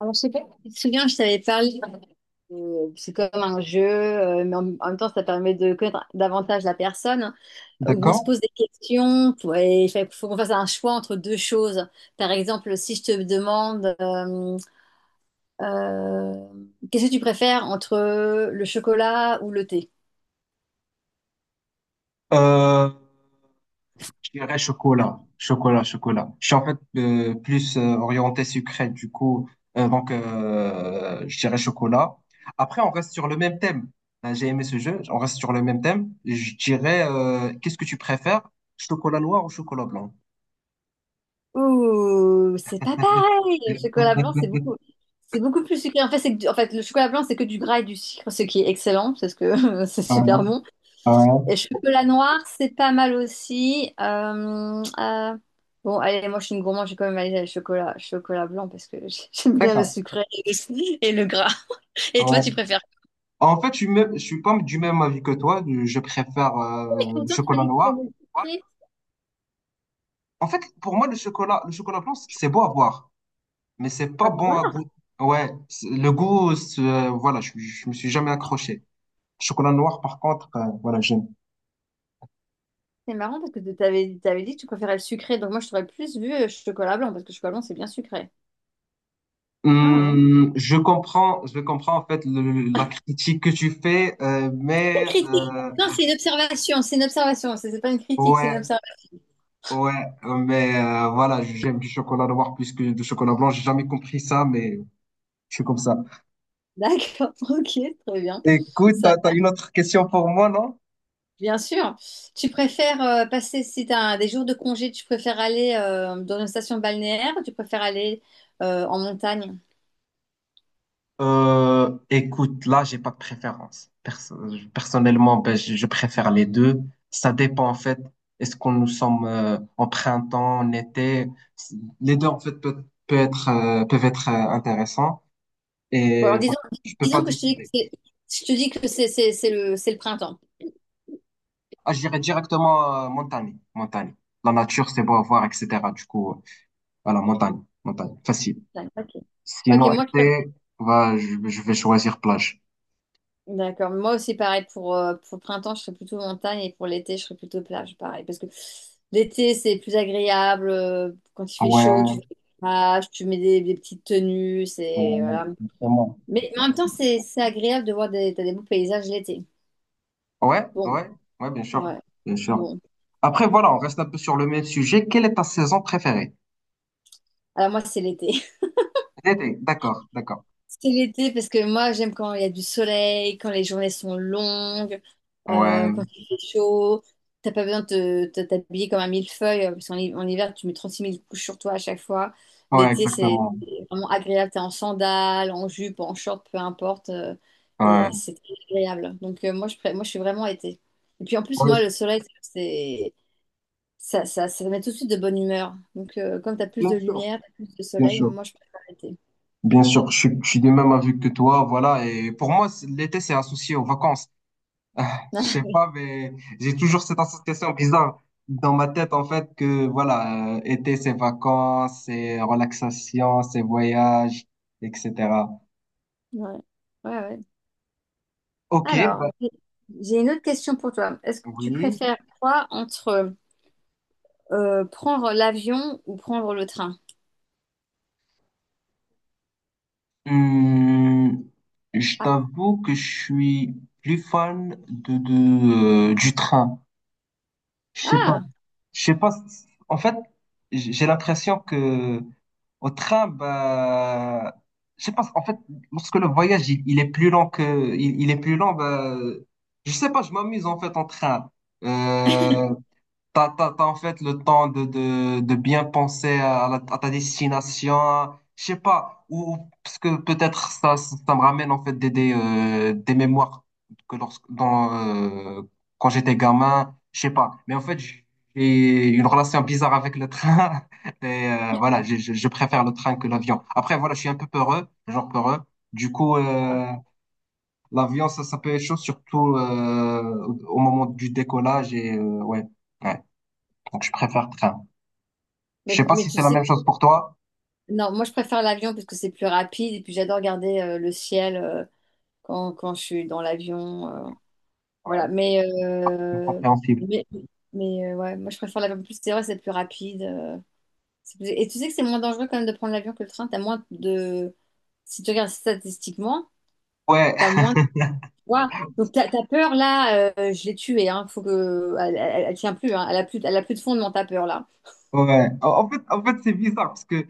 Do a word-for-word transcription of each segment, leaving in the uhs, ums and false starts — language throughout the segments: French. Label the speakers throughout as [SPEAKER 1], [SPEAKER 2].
[SPEAKER 1] Alors, je sais pas, si tu te souviens, je t'avais parlé, euh, c'est comme un jeu, euh, mais en, en même temps, ça permet de connaître davantage la personne, hein, où on se
[SPEAKER 2] D'accord.
[SPEAKER 1] pose des questions, pour- et il fait- faut qu'on fasse un choix entre deux choses. Par exemple, si je te demande, euh, euh, qu'est-ce que tu préfères entre le chocolat ou le thé?
[SPEAKER 2] Euh, je dirais chocolat, chocolat, chocolat. Je suis en fait euh, plus euh, orienté sucré, du coup, euh, donc euh, je dirais chocolat. Après, on reste sur le même thème. Euh, J'ai aimé ce jeu, on reste sur le même thème. Je dirais, euh, qu'est-ce que tu préfères, chocolat noir ou chocolat blanc?
[SPEAKER 1] Ouh, c'est pas pareil! Le chocolat blanc, c'est beaucoup, C'est beaucoup plus sucré. En fait, c'est que du- en fait, le chocolat blanc, c'est que du gras et du sucre, ce qui est excellent, parce que c'est super bon.
[SPEAKER 2] Ouais,
[SPEAKER 1] Et chocolat noir, c'est pas mal aussi. Euh, euh, bon, allez, moi je suis une gourmande, je vais quand même aller à chocolat, chocolat blanc parce que j- j'aime bien le
[SPEAKER 2] d'accord.
[SPEAKER 1] sucré et le, et le gras. Et toi,
[SPEAKER 2] Ouais.
[SPEAKER 1] tu préfères?
[SPEAKER 2] En fait, je suis, même- je suis pas du même avis que toi. Je préfère
[SPEAKER 1] Et
[SPEAKER 2] euh, le
[SPEAKER 1] pourtant, tu m'as
[SPEAKER 2] chocolat
[SPEAKER 1] dit que tu aimais
[SPEAKER 2] noir.
[SPEAKER 1] le sucré.
[SPEAKER 2] En fait, pour moi, le chocolat, le chocolat blanc, c'est beau à voir. Mais c'est pas
[SPEAKER 1] Ah
[SPEAKER 2] bon
[SPEAKER 1] bon?
[SPEAKER 2] à goût. Ouais, c'est- le goût, c'est, euh, voilà, je, je me suis jamais accroché. Chocolat noir, par contre, euh, voilà, j'aime.
[SPEAKER 1] C'est marrant parce que tu t'avais, t'avais dit que tu préférais le sucré, donc moi je t'aurais plus vu euh, chocolat blanc parce que chocolat blanc c'est bien sucré. Ah ouais.
[SPEAKER 2] Hum, je comprends, je comprends en fait le- le- la critique que tu fais, euh,
[SPEAKER 1] C'est une
[SPEAKER 2] mais
[SPEAKER 1] critique.
[SPEAKER 2] euh,
[SPEAKER 1] Non, c'est une observation, c'est une observation, c'est c'est pas une critique, c'est une
[SPEAKER 2] ouais,
[SPEAKER 1] observation.
[SPEAKER 2] ouais, mais euh, voilà, j'aime du chocolat noir plus que du chocolat blanc. J'ai jamais compris ça, mais je suis comme ça.
[SPEAKER 1] D'accord, ok, très bien.
[SPEAKER 2] Écoute,
[SPEAKER 1] Ça
[SPEAKER 2] t'as, t'as une autre question pour moi, non?
[SPEAKER 1] Bien sûr. Tu préfères euh, passer, si tu as des jours de congé, tu préfères aller euh, dans une station balnéaire ou tu préfères aller euh, en montagne?
[SPEAKER 2] Euh, écoute, là, j'ai pas de préférence. Perso- personnellement, ben, je, je préfère les deux. Ça dépend, en fait, est-ce qu'on nous sommes euh, en printemps, en été? C'est- Les deux, en fait, peut, peut être, euh, peuvent être euh, intéressants.
[SPEAKER 1] Bon,
[SPEAKER 2] Et
[SPEAKER 1] alors
[SPEAKER 2] voilà,
[SPEAKER 1] disons,
[SPEAKER 2] je peux pas
[SPEAKER 1] disons que je te dis que
[SPEAKER 2] décider.
[SPEAKER 1] c'est, je te dis que c'est c'est- c'est le, c'est le printemps.
[SPEAKER 2] Ah, je dirais directement euh, montagne, montagne. La nature, c'est beau à voir, et cætera. Du coup, euh, voilà, montagne, montagne, facile.
[SPEAKER 1] Ok. Ok,
[SPEAKER 2] Sinon,
[SPEAKER 1] moi,
[SPEAKER 2] été, bah, je, je vais choisir plage.
[SPEAKER 1] D'accord. Moi aussi, pareil, pour, euh, pour le printemps, je serais plutôt montagne et pour l'été, je serais plutôt plage, pareil. Parce que l'été, c'est plus agréable. euh, Quand il fait chaud, tu
[SPEAKER 2] Ouais,
[SPEAKER 1] vas à la plage, tu mets des, des petites tenues, c'est,
[SPEAKER 2] euh,
[SPEAKER 1] voilà.
[SPEAKER 2] justement.
[SPEAKER 1] Mais en même temps, c'est c'est agréable de voir des, t'as des beaux paysages l'été.
[SPEAKER 2] ouais,
[SPEAKER 1] Bon,
[SPEAKER 2] ouais, ouais, bien sûr,
[SPEAKER 1] ouais.
[SPEAKER 2] bien sûr.
[SPEAKER 1] Bon.
[SPEAKER 2] Après, voilà, on reste un peu sur le même sujet. Quelle est ta saison préférée?
[SPEAKER 1] Alors moi, c'est l'été.
[SPEAKER 2] L'été, d'accord, d'accord.
[SPEAKER 1] C'est l'été parce que moi j'aime quand il y a du soleil, quand les journées sont longues, euh,
[SPEAKER 2] Ouais,
[SPEAKER 1] quand il fait chaud. T'as pas besoin de te- de t'habiller comme un millefeuille euh, parce qu'en hi- en hiver tu mets trente-six mille couches sur toi à chaque fois.
[SPEAKER 2] ouais,
[SPEAKER 1] L'été c'est
[SPEAKER 2] exactement.
[SPEAKER 1] vraiment agréable. T'es en sandales, en jupe, en short, peu importe. Euh,
[SPEAKER 2] Ouais.
[SPEAKER 1] et c'est très agréable. Donc euh, moi, je, pré- moi je suis vraiment été. Et puis en plus
[SPEAKER 2] Ouais,
[SPEAKER 1] moi le soleil c'est ça, ça, ça met tout de suite de bonne humeur. Donc euh, comme t'as plus
[SPEAKER 2] bien
[SPEAKER 1] de
[SPEAKER 2] sûr,
[SPEAKER 1] lumière, t'as plus de
[SPEAKER 2] bien
[SPEAKER 1] soleil,
[SPEAKER 2] sûr.
[SPEAKER 1] moi je préfère l'été.
[SPEAKER 2] Bien sûr, je, suis- je suis du même avis que toi, voilà. Et pour moi, c'est- l'été, c'est associé aux vacances. Ah, je sais pas, mais j'ai toujours cette association bizarre dans ma tête, en fait, que voilà, euh, été, c'est vacances, c'est relaxation, c'est voyage, et cætera.
[SPEAKER 1] Ouais. Ouais, ouais.
[SPEAKER 2] Ok,
[SPEAKER 1] Alors,
[SPEAKER 2] bah
[SPEAKER 1] j'ai j'ai une autre question pour toi. Est-ce que tu
[SPEAKER 2] oui.
[SPEAKER 1] préfères quoi entre euh, prendre l'avion ou prendre le train?
[SPEAKER 2] Hum, je
[SPEAKER 1] Ah,
[SPEAKER 2] t'avoue que je suis plus fan de, de, euh, du train. Je sais pas.
[SPEAKER 1] ah.
[SPEAKER 2] Je sais pas. c- En fait, j- j'ai l'impression que au train, bah, je sais pas, en fait, lorsque le voyage, il, il est plus long que, il, il est plus long, bah, je sais pas, je m'amuse en fait en train. Euh, T'as, t'as, t'as en fait le temps de, de, de bien penser à, la- à ta destination, je sais pas, ou, ou- parce que peut-être ça, ça ça me ramène en fait des, des, euh, des mémoires que lorsque, dans, euh, quand j'étais gamin, je sais pas. Mais en fait, j'ai une relation bizarre avec le train et euh, voilà, je, je, je préfère le train que l'avion. Après, voilà, je suis un peu peureux, genre peureux. Du coup, euh, l'avion, ça, ça peut être chaud, surtout euh, au au moment du décollage et euh, ouais. Ouais. Donc, je préfère train. Je
[SPEAKER 1] Mais,
[SPEAKER 2] sais pas
[SPEAKER 1] mais
[SPEAKER 2] si
[SPEAKER 1] tu
[SPEAKER 2] c'est la même
[SPEAKER 1] sais,
[SPEAKER 2] chose pour toi.
[SPEAKER 1] non, moi je préfère l'avion parce que c'est plus rapide et puis j'adore regarder euh, le ciel euh, quand, quand je suis dans l'avion. euh,
[SPEAKER 2] Ouais,
[SPEAKER 1] voilà, mais,
[SPEAKER 2] c'est
[SPEAKER 1] euh,
[SPEAKER 2] compréhensible.
[SPEAKER 1] mais, mais euh, ouais, moi je préfère l'avion. En plus, c'est vrai, c'est plus rapide. euh, c'est plus- Et tu sais que c'est moins dangereux quand même de prendre l'avion que le train. T'as moins de... Si tu regardes statistiquement,
[SPEAKER 2] Ouais,
[SPEAKER 1] t'as moins… Waouh. Donc ta, ta peur là, euh, je l'ai tuée. Hein. Faut que elle, elle- elle tient plus. Hein. Elle a plus, elle a plus de fondement ta peur là.
[SPEAKER 2] ouais. En en fait, en fait, c'est bizarre parce que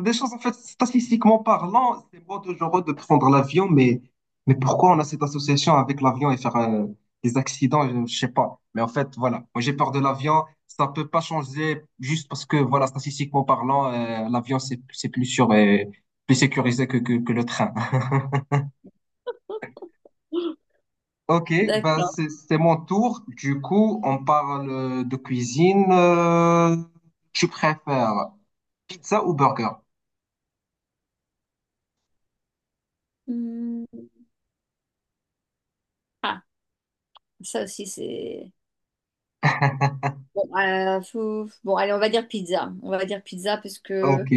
[SPEAKER 2] des choses, en fait, statistiquement parlant, c'est moi dangereux de prendre l'avion, mais, mais pourquoi on a cette association avec l'avion et faire euh, des accidents, je, je sais pas. Mais en fait, voilà, moi j'ai peur de l'avion, ça peut pas changer juste parce que, voilà, statistiquement parlant, euh, l'avion c'est, c'est plus sûr et plus sécurisé que, que, que le train. Ok, bah c'est,
[SPEAKER 1] D'accord.
[SPEAKER 2] c'est mon tour. Du coup, on parle euh, de cuisine. Euh, tu préfères pizza ou burger?
[SPEAKER 1] Hmm. Ah, ça aussi c'est bon. euh, faut- Bon, allez, on va dire pizza. On va dire pizza parce
[SPEAKER 2] Ok,
[SPEAKER 1] que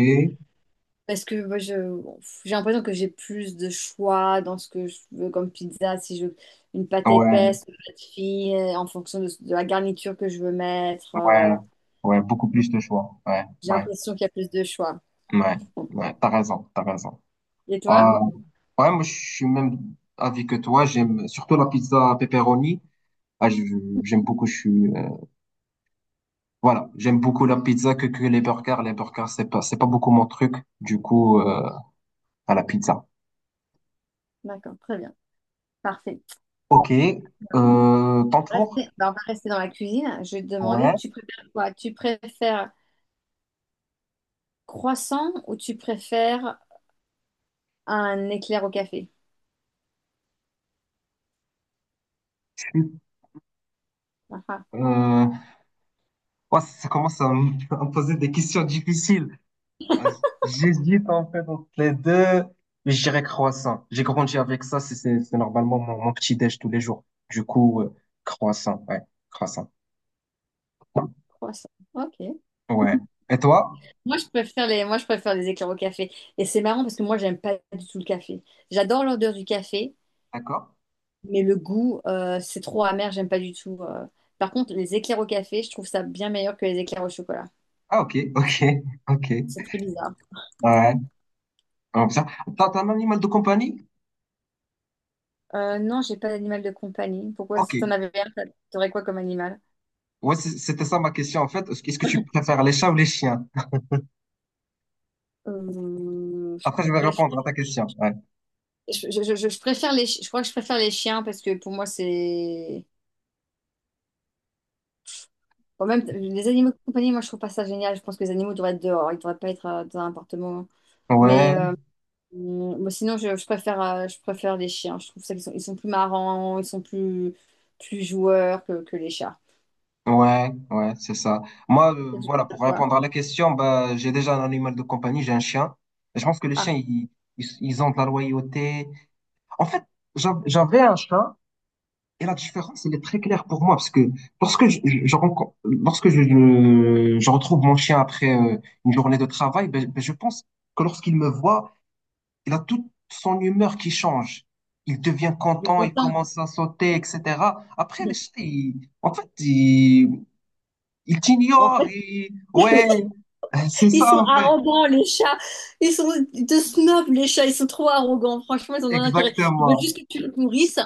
[SPEAKER 1] Parce que moi, je, bon, j'ai l'impression que j'ai plus de choix dans ce que je veux comme pizza. Si je veux une pâte
[SPEAKER 2] ouais.
[SPEAKER 1] épaisse, une pâte fine, euh, en fonction de, de la garniture que je veux mettre,
[SPEAKER 2] Ouais,
[SPEAKER 1] euh,
[SPEAKER 2] ouais, beaucoup plus de choix. Ouais,
[SPEAKER 1] j'ai
[SPEAKER 2] ouais,
[SPEAKER 1] l'impression qu'il y a plus de choix.
[SPEAKER 2] ouais,
[SPEAKER 1] Bon.
[SPEAKER 2] ouais, t'as raison, t'as raison.
[SPEAKER 1] Et toi?
[SPEAKER 2] Euh, ouais, moi, je suis même avis que toi. J'aime surtout la pizza pepperoni. Ah, je- j'aime beaucoup. Je suis, euh, voilà, j'aime beaucoup la pizza que, que les burgers. Les burgers, c'est pas, c'est pas beaucoup mon truc. Du coup, euh, à la pizza.
[SPEAKER 1] D'accord, très bien. Parfait.
[SPEAKER 2] Ok, euh, ton tour.
[SPEAKER 1] Restez- bah, on va rester dans la cuisine. Je vais te demander,
[SPEAKER 2] Ouais.
[SPEAKER 1] tu préfères quoi? Tu préfères croissant ou tu préfères un éclair au café?
[SPEAKER 2] je suis-
[SPEAKER 1] Ah, ah,
[SPEAKER 2] Euh, ouais, ça commence à me à me poser des questions difficiles. Ah, j'hésite en fait entre les deux, mais je dirais croissant. J'ai grandi avec ça, c'est c'est- c'est normalement mon, mon petit déj tous les jours. Du coup, euh, croissant, ouais, croissant.
[SPEAKER 1] croissant. Ok.
[SPEAKER 2] Ouais. Et toi?
[SPEAKER 1] Moi, je préfère les, moi, je préfère les éclairs au café. Et c'est marrant parce que moi, j'aime pas du tout le café. J'adore l'odeur du café,
[SPEAKER 2] D'accord?
[SPEAKER 1] mais le goût, euh, c'est trop amer, j'aime pas du tout. euh. Par contre, les éclairs au café, je trouve ça bien meilleur que les éclairs au chocolat.
[SPEAKER 2] Ah, ok, ok, ok.
[SPEAKER 1] C'est très bizarre.
[SPEAKER 2] Ouais, comme ça. T'as t'as un animal de compagnie?
[SPEAKER 1] Euh, non, j'ai pas d'animal de compagnie. Pourquoi,
[SPEAKER 2] Ok.
[SPEAKER 1] si t'en avais un, t'a- t'aurais quoi comme animal?
[SPEAKER 2] Ouais, c'est- c'était ça ma question en fait. Est-ce que est-ce que tu préfères les chats ou les chiens?
[SPEAKER 1] Euh, je
[SPEAKER 2] Après, je vais
[SPEAKER 1] préfère,
[SPEAKER 2] répondre à ta question. Ouais.
[SPEAKER 1] je, je- je- je préfère les, chi- je crois que je préfère les chiens parce que pour moi, c'est. Bon, même t- les animaux de compagnie, moi, je trouve pas ça génial. Je pense que les animaux devraient être dehors, ils devraient pas être euh, dans un appartement. Mais
[SPEAKER 2] Ouais.
[SPEAKER 1] euh, Mm, bon, sinon, je, je préfère, euh, je préfère les chiens. Je trouve ça qu'ils sont, ils sont plus marrants, ils sont plus, plus joueurs que, que les chats.
[SPEAKER 2] Ouais, ouais, c'est ça. Moi, euh,
[SPEAKER 1] Peut-être
[SPEAKER 2] voilà,
[SPEAKER 1] que je-
[SPEAKER 2] pour
[SPEAKER 1] Quoi?
[SPEAKER 2] répondre à la question, bah, j'ai déjà un animal de compagnie, j'ai un chien. Et je pense que les
[SPEAKER 1] Ah,
[SPEAKER 2] chiens, ils, ils, ils ont de la loyauté. En fait, j'a- j'avais un chat et la différence, elle est très claire pour moi parce que lorsque je, je, je rencontre, lorsque je, je, je retrouve mon chien après euh, une journée de travail, ben, ben, je pense que lorsqu'il me voit, il a toute son humeur qui change. Il devient
[SPEAKER 1] il est
[SPEAKER 2] content, il
[SPEAKER 1] content.
[SPEAKER 2] commence à sauter, et cætera. Après, les chiens, ils- en fait, il
[SPEAKER 1] En
[SPEAKER 2] t'ignore,
[SPEAKER 1] fait,
[SPEAKER 2] il... ouais, c'est
[SPEAKER 1] ils sont
[SPEAKER 2] ça en fait,
[SPEAKER 1] arrogants, les chats. Ils sont de snobs, les chats. Ils sont trop arrogants. Franchement, ils ont un intérêt. Ils veulent
[SPEAKER 2] exactement,
[SPEAKER 1] juste que tu les nourrisses.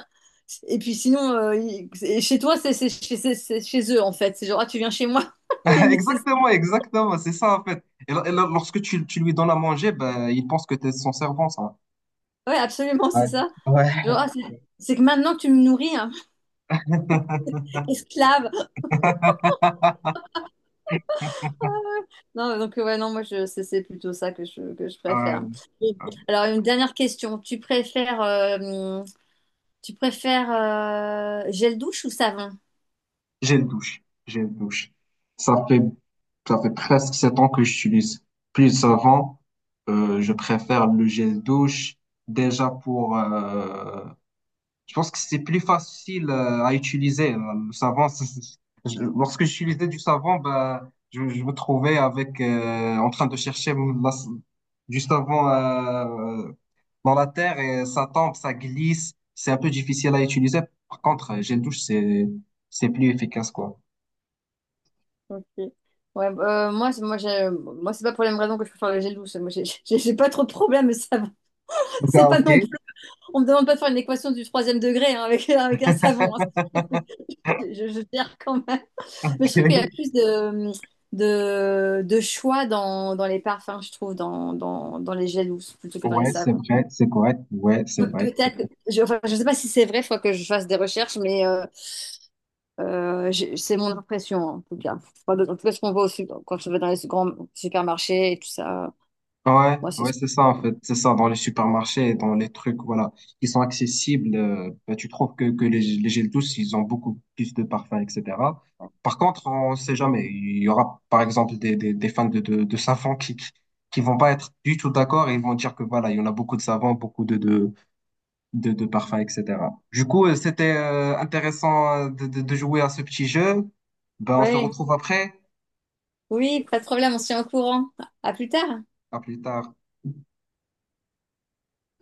[SPEAKER 1] Et puis sinon, euh, ils- et chez toi, c'est c'est- c'est- c'est- c'est chez eux, en fait. C'est genre, ah, tu viens chez moi. Limite, c'est ça.
[SPEAKER 2] exactement, exactement, c'est ça en fait. Et, là- et là, lorsque tu, tu lui donnes à manger, ben, il pense que tu es son servant, ça.
[SPEAKER 1] Ouais, absolument,
[SPEAKER 2] Ouais,
[SPEAKER 1] c'est ça. Genre,
[SPEAKER 2] ouais.
[SPEAKER 1] ah, c'est c'est que maintenant que tu me nourris, hein, esclave. Non, donc ouais, non, moi je c'est c'est plutôt ça que je, que je
[SPEAKER 2] Euh,
[SPEAKER 1] préfère. Et…
[SPEAKER 2] euh,
[SPEAKER 1] Alors une dernière question, tu préfères euh, tu préfères euh, gel douche ou savon?
[SPEAKER 2] j'ai une douche, j'ai une douche. Ça fait, ça fait presque sept ans que j'utilise. Plus avant, euh, je préfère le gel douche, déjà pour, euh, je pense que c'est plus facile euh, à utiliser. euh, Le savon, c'est- c'est- je- lorsque j'utilisais du savon, ben, je, je me trouvais avec, euh, en train de chercher mon- la- du savon euh, euh, dans la terre et ça tombe, ça glisse. C'est un peu difficile à utiliser. Par contre, euh, gel douche, c'est, c'est plus efficace, quoi.
[SPEAKER 1] Ok. Ouais, euh, moi c'est- moi j'ai moi c'est pas pour les mêmes raisons que je préfère le gel douche. Moi j'ai j'ai- j'ai pas trop de problème le savon.
[SPEAKER 2] Donc,
[SPEAKER 1] C'est
[SPEAKER 2] ah,
[SPEAKER 1] pas
[SPEAKER 2] ok.
[SPEAKER 1] non plus. On me demande pas de faire une équation du troisième degré hein, avec avec un savon. Hein. Je, je gère quand même. Mais je trouve qu'il y a plus de, de, de choix dans, dans les parfums, je trouve, dans, dans, dans les gels douces plutôt que dans les
[SPEAKER 2] Ouais, c'est
[SPEAKER 1] savons.
[SPEAKER 2] vrai, c'est correct. Ouais, c'est
[SPEAKER 1] Pe-
[SPEAKER 2] vrai.
[SPEAKER 1] peut-être, je, enfin, je sais pas si c'est vrai, il faut que je fasse des recherches, mais euh, euh, j'ai- c'est mon impression, en tout cas. Enfin, de- en tout cas, ce qu'on voit aussi quand on va dans les grands supermarchés et tout ça,
[SPEAKER 2] Ouais,
[SPEAKER 1] moi, c'est
[SPEAKER 2] ouais,
[SPEAKER 1] ce que
[SPEAKER 2] c'est ça
[SPEAKER 1] je
[SPEAKER 2] en
[SPEAKER 1] vois.
[SPEAKER 2] fait, c'est ça dans les supermarchés, dans les trucs voilà qui sont accessibles, euh, bah, tu trouves que, que les, les gels douces, ils ont beaucoup plus de parfums, et cætera. Par contre, on sait jamais, il y aura par exemple des, des, des fans de, de, de savon qui, qui qui vont pas être du tout d'accord et ils vont dire que voilà, il y en a beaucoup de savons, beaucoup de, de, de, de parfums, et cætera. Du coup, euh, c'était euh, intéressant euh, de, de, de jouer à ce petit jeu. Ben, on se
[SPEAKER 1] Ouais.
[SPEAKER 2] retrouve après,
[SPEAKER 1] Oui, pas de problème, on se tient au courant. À plus tard.
[SPEAKER 2] à plus tard.